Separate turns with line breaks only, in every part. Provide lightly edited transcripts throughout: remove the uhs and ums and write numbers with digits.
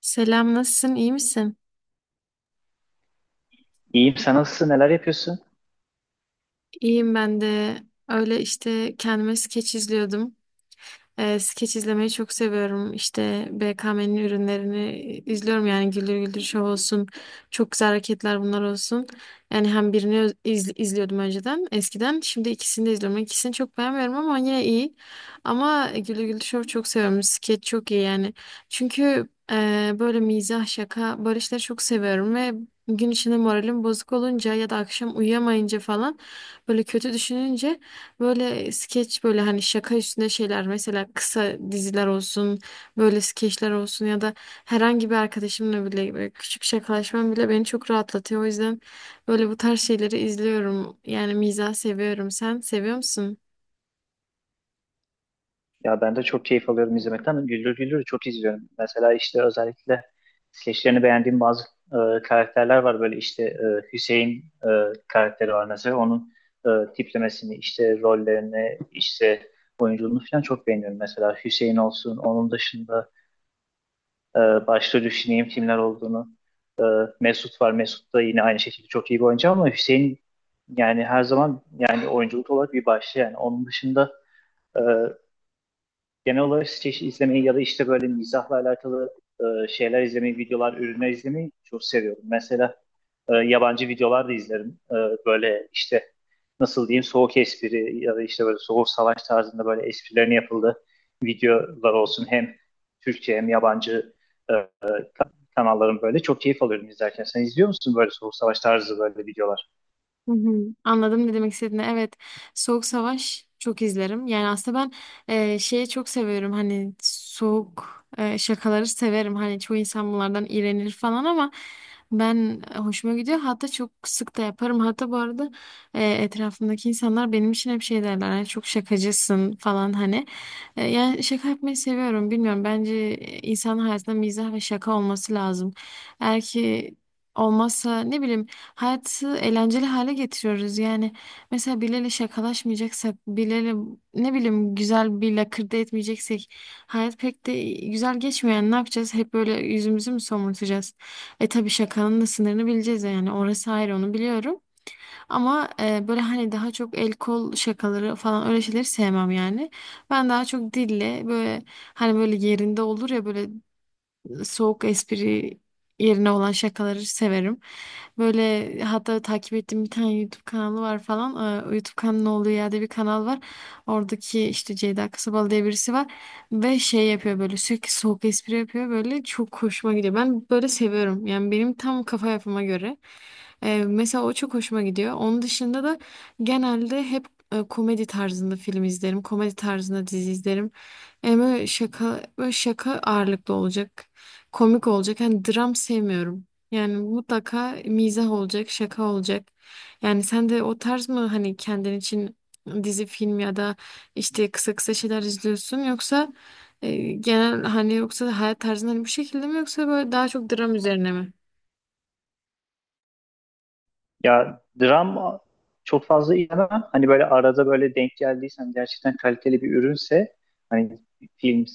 Selam, nasılsın? İyi misin?
İyiyim. Sen nasılsın? Neler yapıyorsun?
İyiyim ben de. Öyle işte kendime skeç izliyordum. Skeç izlemeyi çok seviyorum. İşte BKM'nin ürünlerini izliyorum yani Güldür Güldür Show olsun. Çok güzel hareketler bunlar olsun. Yani hem birini izliyordum önceden eskiden. Şimdi ikisini de izliyorum. İkisini çok beğenmiyorum ama yine iyi. Ama Güldür Güldür Show çok seviyorum. Skeç çok iyi yani. Çünkü böyle mizah, şaka böyle işleri çok seviyorum ve gün içinde moralim bozuk olunca ya da akşam uyuyamayınca falan böyle kötü düşününce böyle skeç böyle hani şaka üstüne şeyler, mesela kısa diziler olsun, böyle skeçler olsun ya da herhangi bir arkadaşımla bile böyle küçük şakalaşmam bile beni çok rahatlatıyor. O yüzden böyle bu tarz şeyleri izliyorum. Yani mizah seviyorum. Sen seviyor musun?
Ya ben de çok keyif alıyorum izlemekten. Güldür güldür çok izliyorum. Mesela işte özellikle skeçlerini beğendiğim bazı karakterler var. Böyle işte Hüseyin karakteri var mesela. Onun tiplemesini, işte rollerini, işte oyunculuğunu falan çok beğeniyorum. Mesela Hüseyin olsun. Onun dışında başta düşüneyim kimler olduğunu. E, Mesut var. Mesut da yine aynı şekilde çok iyi bir oyuncu ama Hüseyin yani her zaman yani oyunculuk olarak bir başta yani. Onun dışında e, genel olarak skeç izlemeyi ya da işte böyle mizahla alakalı şeyler izlemeyi, videolar, ürünler izlemeyi çok seviyorum. Mesela yabancı videolar da izlerim. Böyle işte nasıl diyeyim soğuk espri ya da işte böyle soğuk savaş tarzında böyle esprilerin yapıldığı videolar olsun. Hem Türkçe hem yabancı e, e, kanalların böyle çok keyif alıyorum izlerken. Sen izliyor musun böyle soğuk savaş tarzı böyle videolar?
Hı hı, anladım ne demek istediğini. Evet, Soğuk Savaş çok izlerim. Yani aslında ben şeyi çok seviyorum. Hani soğuk şakaları severim. Hani çoğu insan bunlardan iğrenir falan ama ben hoşuma gidiyor. Hatta çok sık da yaparım. Hatta bu arada etrafımdaki insanlar benim için hep şey derler. Hani çok şakacısın falan hani. Yani şaka yapmayı seviyorum. Bilmiyorum. Bence insanın hayatında mizah ve şaka olması lazım. Eğer ki olmazsa, ne bileyim, hayatı eğlenceli hale getiriyoruz yani. Mesela birileriyle şakalaşmayacaksak, birileriyle ne bileyim güzel bir lakırdı etmeyeceksek hayat pek de güzel geçmiyor. Yani ne yapacağız? Hep böyle yüzümüzü mü somurtacağız? E tabii şakanın da sınırını bileceğiz yani. Orası ayrı, onu biliyorum. Ama böyle hani daha çok el kol şakaları falan, öyle şeyleri sevmem yani. Ben daha çok dille böyle, hani böyle yerinde olur ya, böyle soğuk espri yerine olan şakaları severim. Böyle hatta takip ettiğim bir tane YouTube kanalı var falan. YouTube kanalı olduğu yerde bir kanal var. Oradaki işte Ceyda Kasabalı diye birisi var. Ve şey yapıyor, böyle sürekli soğuk espri yapıyor. Böyle çok hoşuma gidiyor. Ben böyle seviyorum. Yani benim tam kafa yapıma göre. Mesela o çok hoşuma gidiyor. Onun dışında da genelde hep komedi tarzında film izlerim. Komedi tarzında dizi izlerim. Yani böyle şaka, böyle şaka ağırlıklı olacak, komik olacak. Hani dram sevmiyorum. Yani mutlaka mizah olacak, şaka olacak. Yani sen de o tarz mı hani kendin için dizi, film ya da işte kısa kısa şeyler izliyorsun, yoksa genel hani, yoksa hayat tarzın hani bu şekilde mi, yoksa böyle daha çok dram üzerine mi?
Ya dram çok fazla izlemem. Hani böyle arada böyle denk geldiysen gerçekten kaliteli bir ürünse hani film,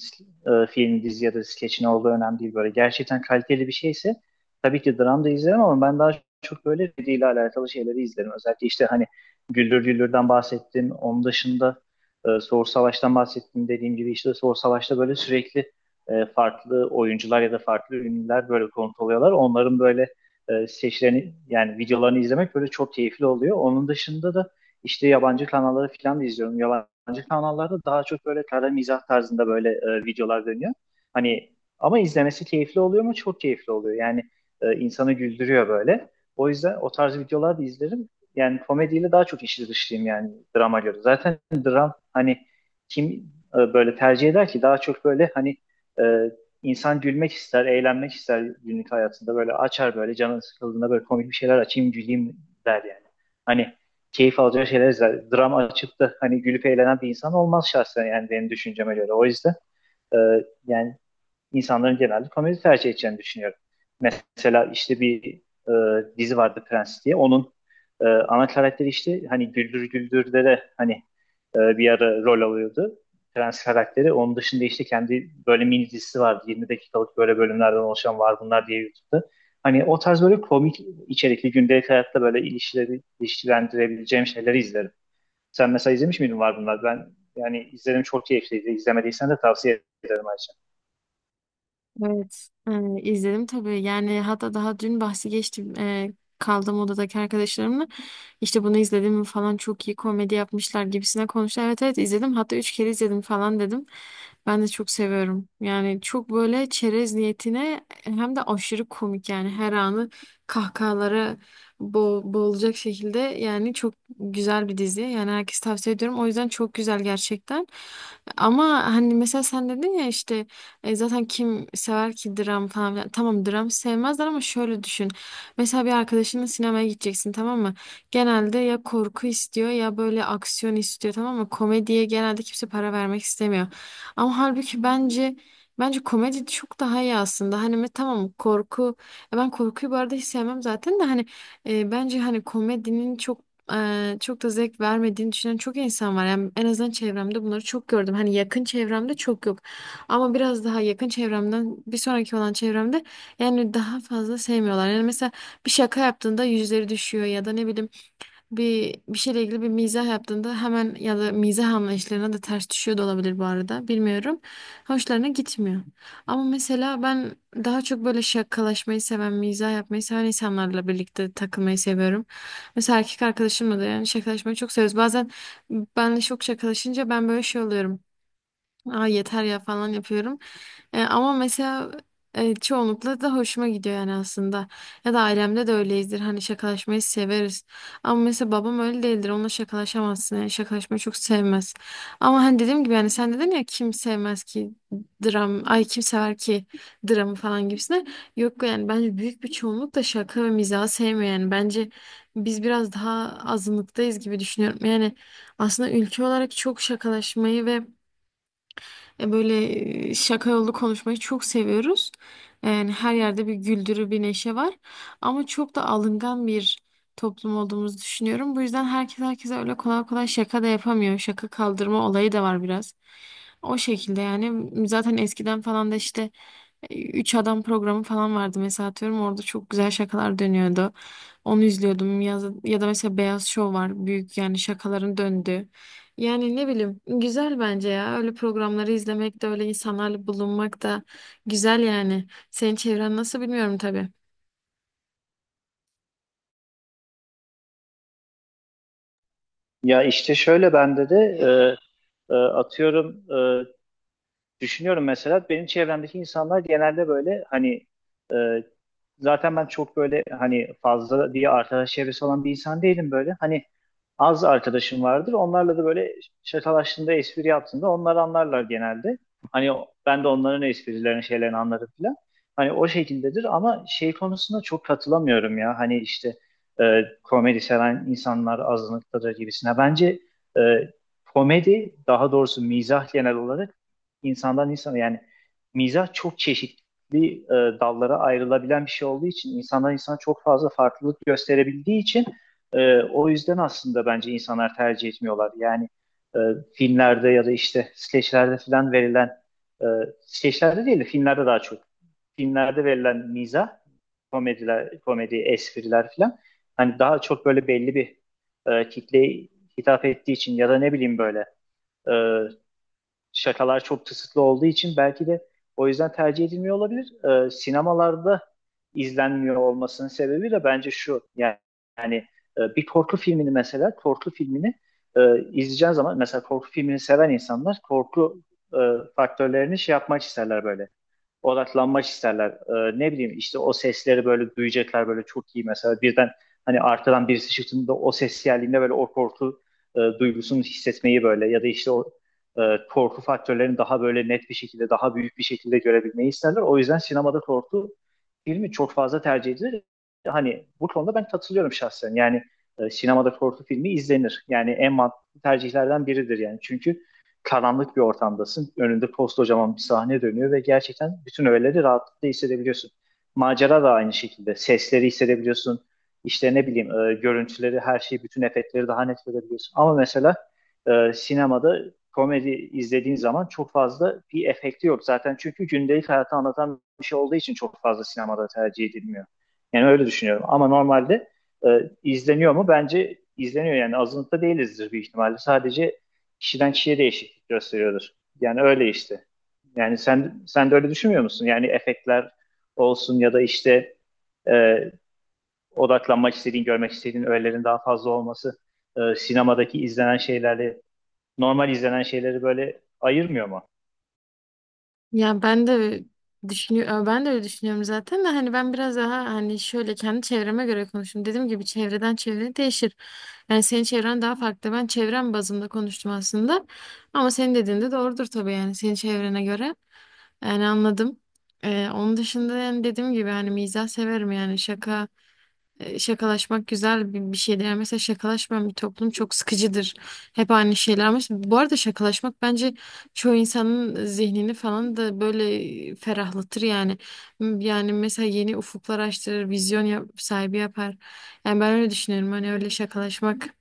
film, dizi ya da skeç ne olduğu önemli değil böyle. Gerçekten kaliteli bir şeyse tabii ki dram da izlerim ama ben daha çok böyle ile alakalı şeyleri izlerim. Özellikle işte hani Güldür Güldür'den bahsettim. Onun dışında Soğur Savaş'tan bahsettim. Dediğim gibi işte Soğur Savaş'ta böyle sürekli farklı oyuncular ya da farklı ünlüler böyle konut oluyorlar. Onların böyle seçilerini yani videolarını izlemek böyle çok keyifli oluyor. Onun dışında da işte yabancı kanalları falan da izliyorum. Yabancı kanallarda daha çok böyle kara mizah tarzında böyle videolar dönüyor. Hani ama izlemesi keyifli oluyor mu? Çok keyifli oluyor. Yani insanı güldürüyor böyle. O yüzden o tarz videolar da izlerim. Yani komediyle daha çok işi dışlıyım yani drama göre. Zaten dram hani kim böyle tercih eder ki daha çok böyle hani e, İnsan gülmek ister, eğlenmek ister günlük hayatında. Böyle açar böyle canın sıkıldığında böyle komik bir şeyler açayım güleyim der yani. Hani keyif alacağı şeyler izler. Dram açıp da hani gülüp eğlenen bir insan olmaz şahsen yani benim düşünceme göre. O yüzden e, yani insanların genelde komedi tercih edeceğini düşünüyorum. Mesela işte bir e, dizi vardı Prens diye. Onun ana karakteri işte hani Güldür Güldür'de de hani bir ara rol alıyordu. Prens karakteri. Onun dışında işte kendi böyle mini dizisi vardı. 20 dakikalık böyle bölümlerden oluşan var bunlar diye YouTube'da. Hani o tarz böyle komik içerikli gündelik hayatta böyle ilişkileri, ilişkilendirebileceğim şeyleri izlerim. Sen mesela izlemiş miydin var bunlar? Ben yani izledim çok keyifliydi. İzlemediysen de tavsiye ederim ayrıca.
Evet, izledim tabii. Yani hatta daha dün bahsi geçtim, kaldığım odadaki arkadaşlarımla. İşte bunu izledim mi falan, çok iyi komedi yapmışlar gibisine konuştular. Evet evet izledim. Hatta üç kere izledim falan dedim. Ben de çok seviyorum. Yani çok böyle çerez niyetine, hem de aşırı komik yani, her anı kahkahalara boğulacak şekilde yani. Çok güzel bir dizi. Yani herkes tavsiye ediyorum. O yüzden çok güzel gerçekten. Ama hani mesela sen dedin ya işte, zaten kim sever ki dram falan filan. Tamam, dram sevmezler ama şöyle düşün. Mesela bir arkadaşınla sinemaya gideceksin, tamam mı? Genelde ya korku istiyor ya böyle aksiyon istiyor, tamam mı? Komediye genelde kimse para vermek istemiyor. Ama halbuki bence komedi çok daha iyi aslında. Hani tamam korku. Ben korkuyu bu arada hiç sevmem zaten. De hani bence hani komedinin çok, çok da zevk vermediğini düşünen çok insan var. Yani en azından çevremde bunları çok gördüm. Hani yakın çevremde çok yok. Ama biraz daha yakın çevremden bir sonraki olan çevremde yani daha fazla sevmiyorlar. Yani mesela bir şaka yaptığında yüzleri düşüyor ya da ne bileyim bir şeyle ilgili bir mizah yaptığında hemen, ya da mizah anlayışlarına da ters düşüyor da olabilir bu arada, bilmiyorum. Hoşlarına gitmiyor. Ama mesela ben daha çok böyle şakalaşmayı seven, mizah yapmayı seven insanlarla birlikte takılmayı seviyorum. Mesela erkek arkadaşımla da yani şakalaşmayı çok seviyoruz. Bazen benle çok şakalaşınca ben böyle şey oluyorum. Aa, yeter ya falan yapıyorum. Ama mesela çoğunlukla da hoşuma gidiyor yani aslında. Ya da ailemde de öyleyizdir. Hani şakalaşmayı severiz. Ama mesela babam öyle değildir. Onunla şakalaşamazsın. Yani şakalaşmayı çok sevmez. Ama hani dediğim gibi yani sen dedin ya, kim sevmez ki dram, ay kim sever ki dramı falan gibisine. Yok yani bence büyük bir çoğunluk da şaka ve mizahı sevmiyor yani. Bence biz biraz daha azınlıktayız gibi düşünüyorum. Yani aslında ülke olarak çok şakalaşmayı ve böyle şaka yollu konuşmayı çok seviyoruz. Yani her yerde bir güldürü, bir neşe var. Ama çok da alıngan bir toplum olduğumuzu düşünüyorum. Bu yüzden herkes herkese öyle kolay kolay şaka da yapamıyor. Şaka kaldırma olayı da var biraz. O şekilde yani. Zaten eskiden falan da işte Üç Adam programı falan vardı mesela, atıyorum, orada çok güzel şakalar dönüyordu. Onu izliyordum ya, ya da mesela Beyaz Şov var, büyük yani şakaların döndüğü. Yani ne bileyim, güzel bence ya. Öyle programları izlemek de öyle insanlarla bulunmak da güzel yani. Senin çevren nasıl bilmiyorum tabii.
Ya işte şöyle bende de atıyorum düşünüyorum mesela benim çevremdeki insanlar genelde böyle hani e, zaten ben çok böyle hani fazla diye arkadaş çevresi olan bir insan değilim böyle. Hani az arkadaşım vardır. Onlarla da böyle şakalaştığında, espri yaptığında onlar anlarlar genelde. Hani ben de onların esprilerini, şeylerini anlarım falan. Hani o şekildedir ama şey konusunda çok katılamıyorum ya. Hani işte e, komedi seven insanlar azınlıktadır gibisine. Bence e, komedi, daha doğrusu mizah genel olarak insandan insana yani mizah çok çeşitli dallara ayrılabilen bir şey olduğu için insandan insana çok fazla farklılık gösterebildiği için o yüzden aslında bence insanlar tercih etmiyorlar. Yani e, filmlerde ya da işte skeçlerde falan verilen e, skeçlerde değil de filmlerde daha çok filmlerde verilen mizah, komediler, komedi, espriler falan hani daha çok böyle belli bir kitleye hitap ettiği için ya da ne bileyim böyle e, şakalar çok tısıtlı olduğu için belki de o yüzden tercih edilmiyor olabilir. Sinemalarda izlenmiyor olmasının sebebi de bence şu. Yani, yani bir korku filmini mesela korku filmini e, izleyeceğin zaman mesela korku filmini seven insanlar korku e, faktörlerini şey yapmak isterler böyle odaklanmak isterler. Ne bileyim işte o sesleri böyle duyacaklar böyle çok iyi mesela birden hani arkadan birisi çıktığında o ses geldiğinde böyle o korku duygusunu hissetmeyi böyle ya da işte o e, korku faktörlerini daha böyle net bir şekilde daha büyük bir şekilde görebilmeyi isterler. O yüzden sinemada korku filmi çok fazla tercih edilir. Hani bu konuda ben katılıyorum şahsen. Yani sinemada korku filmi izlenir. Yani en mantıklı tercihlerden biridir yani. Çünkü karanlık bir ortamdasın. Önünde koskocaman bir sahne dönüyor ve gerçekten bütün öğeleri rahatlıkla hissedebiliyorsun. Macera da aynı şekilde. Sesleri hissedebiliyorsun. İşte ne bileyim görüntüleri, her şeyi, bütün efektleri daha net görebiliyorsun. Ama mesela sinemada komedi izlediğin zaman çok fazla bir efekti yok zaten. Çünkü gündelik hayatı anlatan bir şey olduğu için çok fazla sinemada tercih edilmiyor. Yani öyle düşünüyorum. Ama normalde e, izleniyor mu? Bence izleniyor yani azınlıkta değilizdir büyük ihtimalle. Sadece kişiden kişiye değişiklik gösteriyordur. Yani öyle işte. Yani sen de öyle düşünmüyor musun? Yani efektler olsun ya da işte e, odaklanmak istediğin, görmek istediğin öğelerin daha fazla olması sinemadaki izlenen şeylerle normal izlenen şeyleri böyle ayırmıyor mu?
Ya ben de düşünüyorum, ben de öyle düşünüyorum zaten. De hani ben biraz daha hani şöyle kendi çevreme göre konuştum. Dediğim gibi çevreden çevreye değişir. Yani senin çevren daha farklı. Ben çevrem bazında konuştum aslında. Ama senin dediğin de doğrudur tabii, yani senin çevrene göre. Yani anladım. Onun dışında yani dediğim gibi hani mizah severim yani şaka. Şakalaşmak güzel bir şeydir. Yani mesela şakalaşmayan bir toplum çok sıkıcıdır. Hep aynı şeyler. Bu arada şakalaşmak bence çoğu insanın zihnini falan da böyle ferahlatır yani. Yani mesela yeni ufuklar açtırır, vizyon sahibi yapar. Yani ben öyle düşünüyorum. Hani öyle şakalaşmak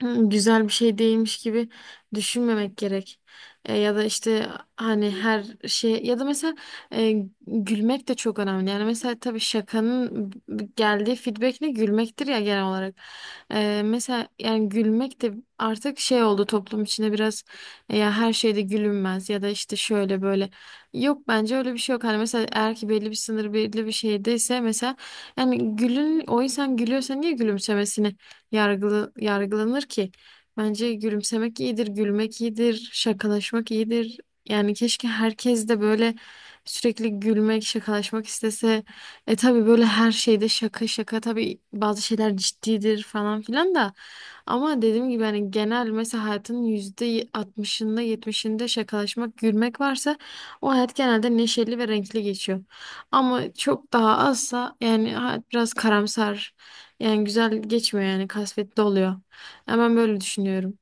Hı, güzel bir şey değilmiş gibi düşünmemek gerek. Ya da işte hani her şey ya da mesela e, gülmek de çok önemli. Yani mesela tabii şakanın geldiği feedback ne, gülmektir ya genel olarak. Mesela yani gülmek de artık şey oldu toplum içinde biraz, ya her şeyde gülünmez ya da işte şöyle böyle. Yok, bence öyle bir şey yok. Hani mesela eğer ki belli bir sınır, belli bir şeydeyse mesela, yani gülün, o insan gülüyorsa niye gülümsemesini yargılı, yargılanır ki. Bence gülümsemek iyidir, gülmek iyidir, şakalaşmak iyidir. Yani keşke herkes de böyle sürekli gülmek, şakalaşmak istese. E tabii böyle her şeyde şaka şaka, tabii bazı şeyler ciddidir falan filan da. Ama dediğim gibi hani genel mesela hayatın yüzde altmışında yetmişinde şakalaşmak, gülmek varsa o hayat genelde neşeli ve renkli geçiyor. Ama çok daha azsa yani hayat biraz karamsar, yani güzel geçmiyor yani, kasvetli oluyor. Yani ben böyle düşünüyorum.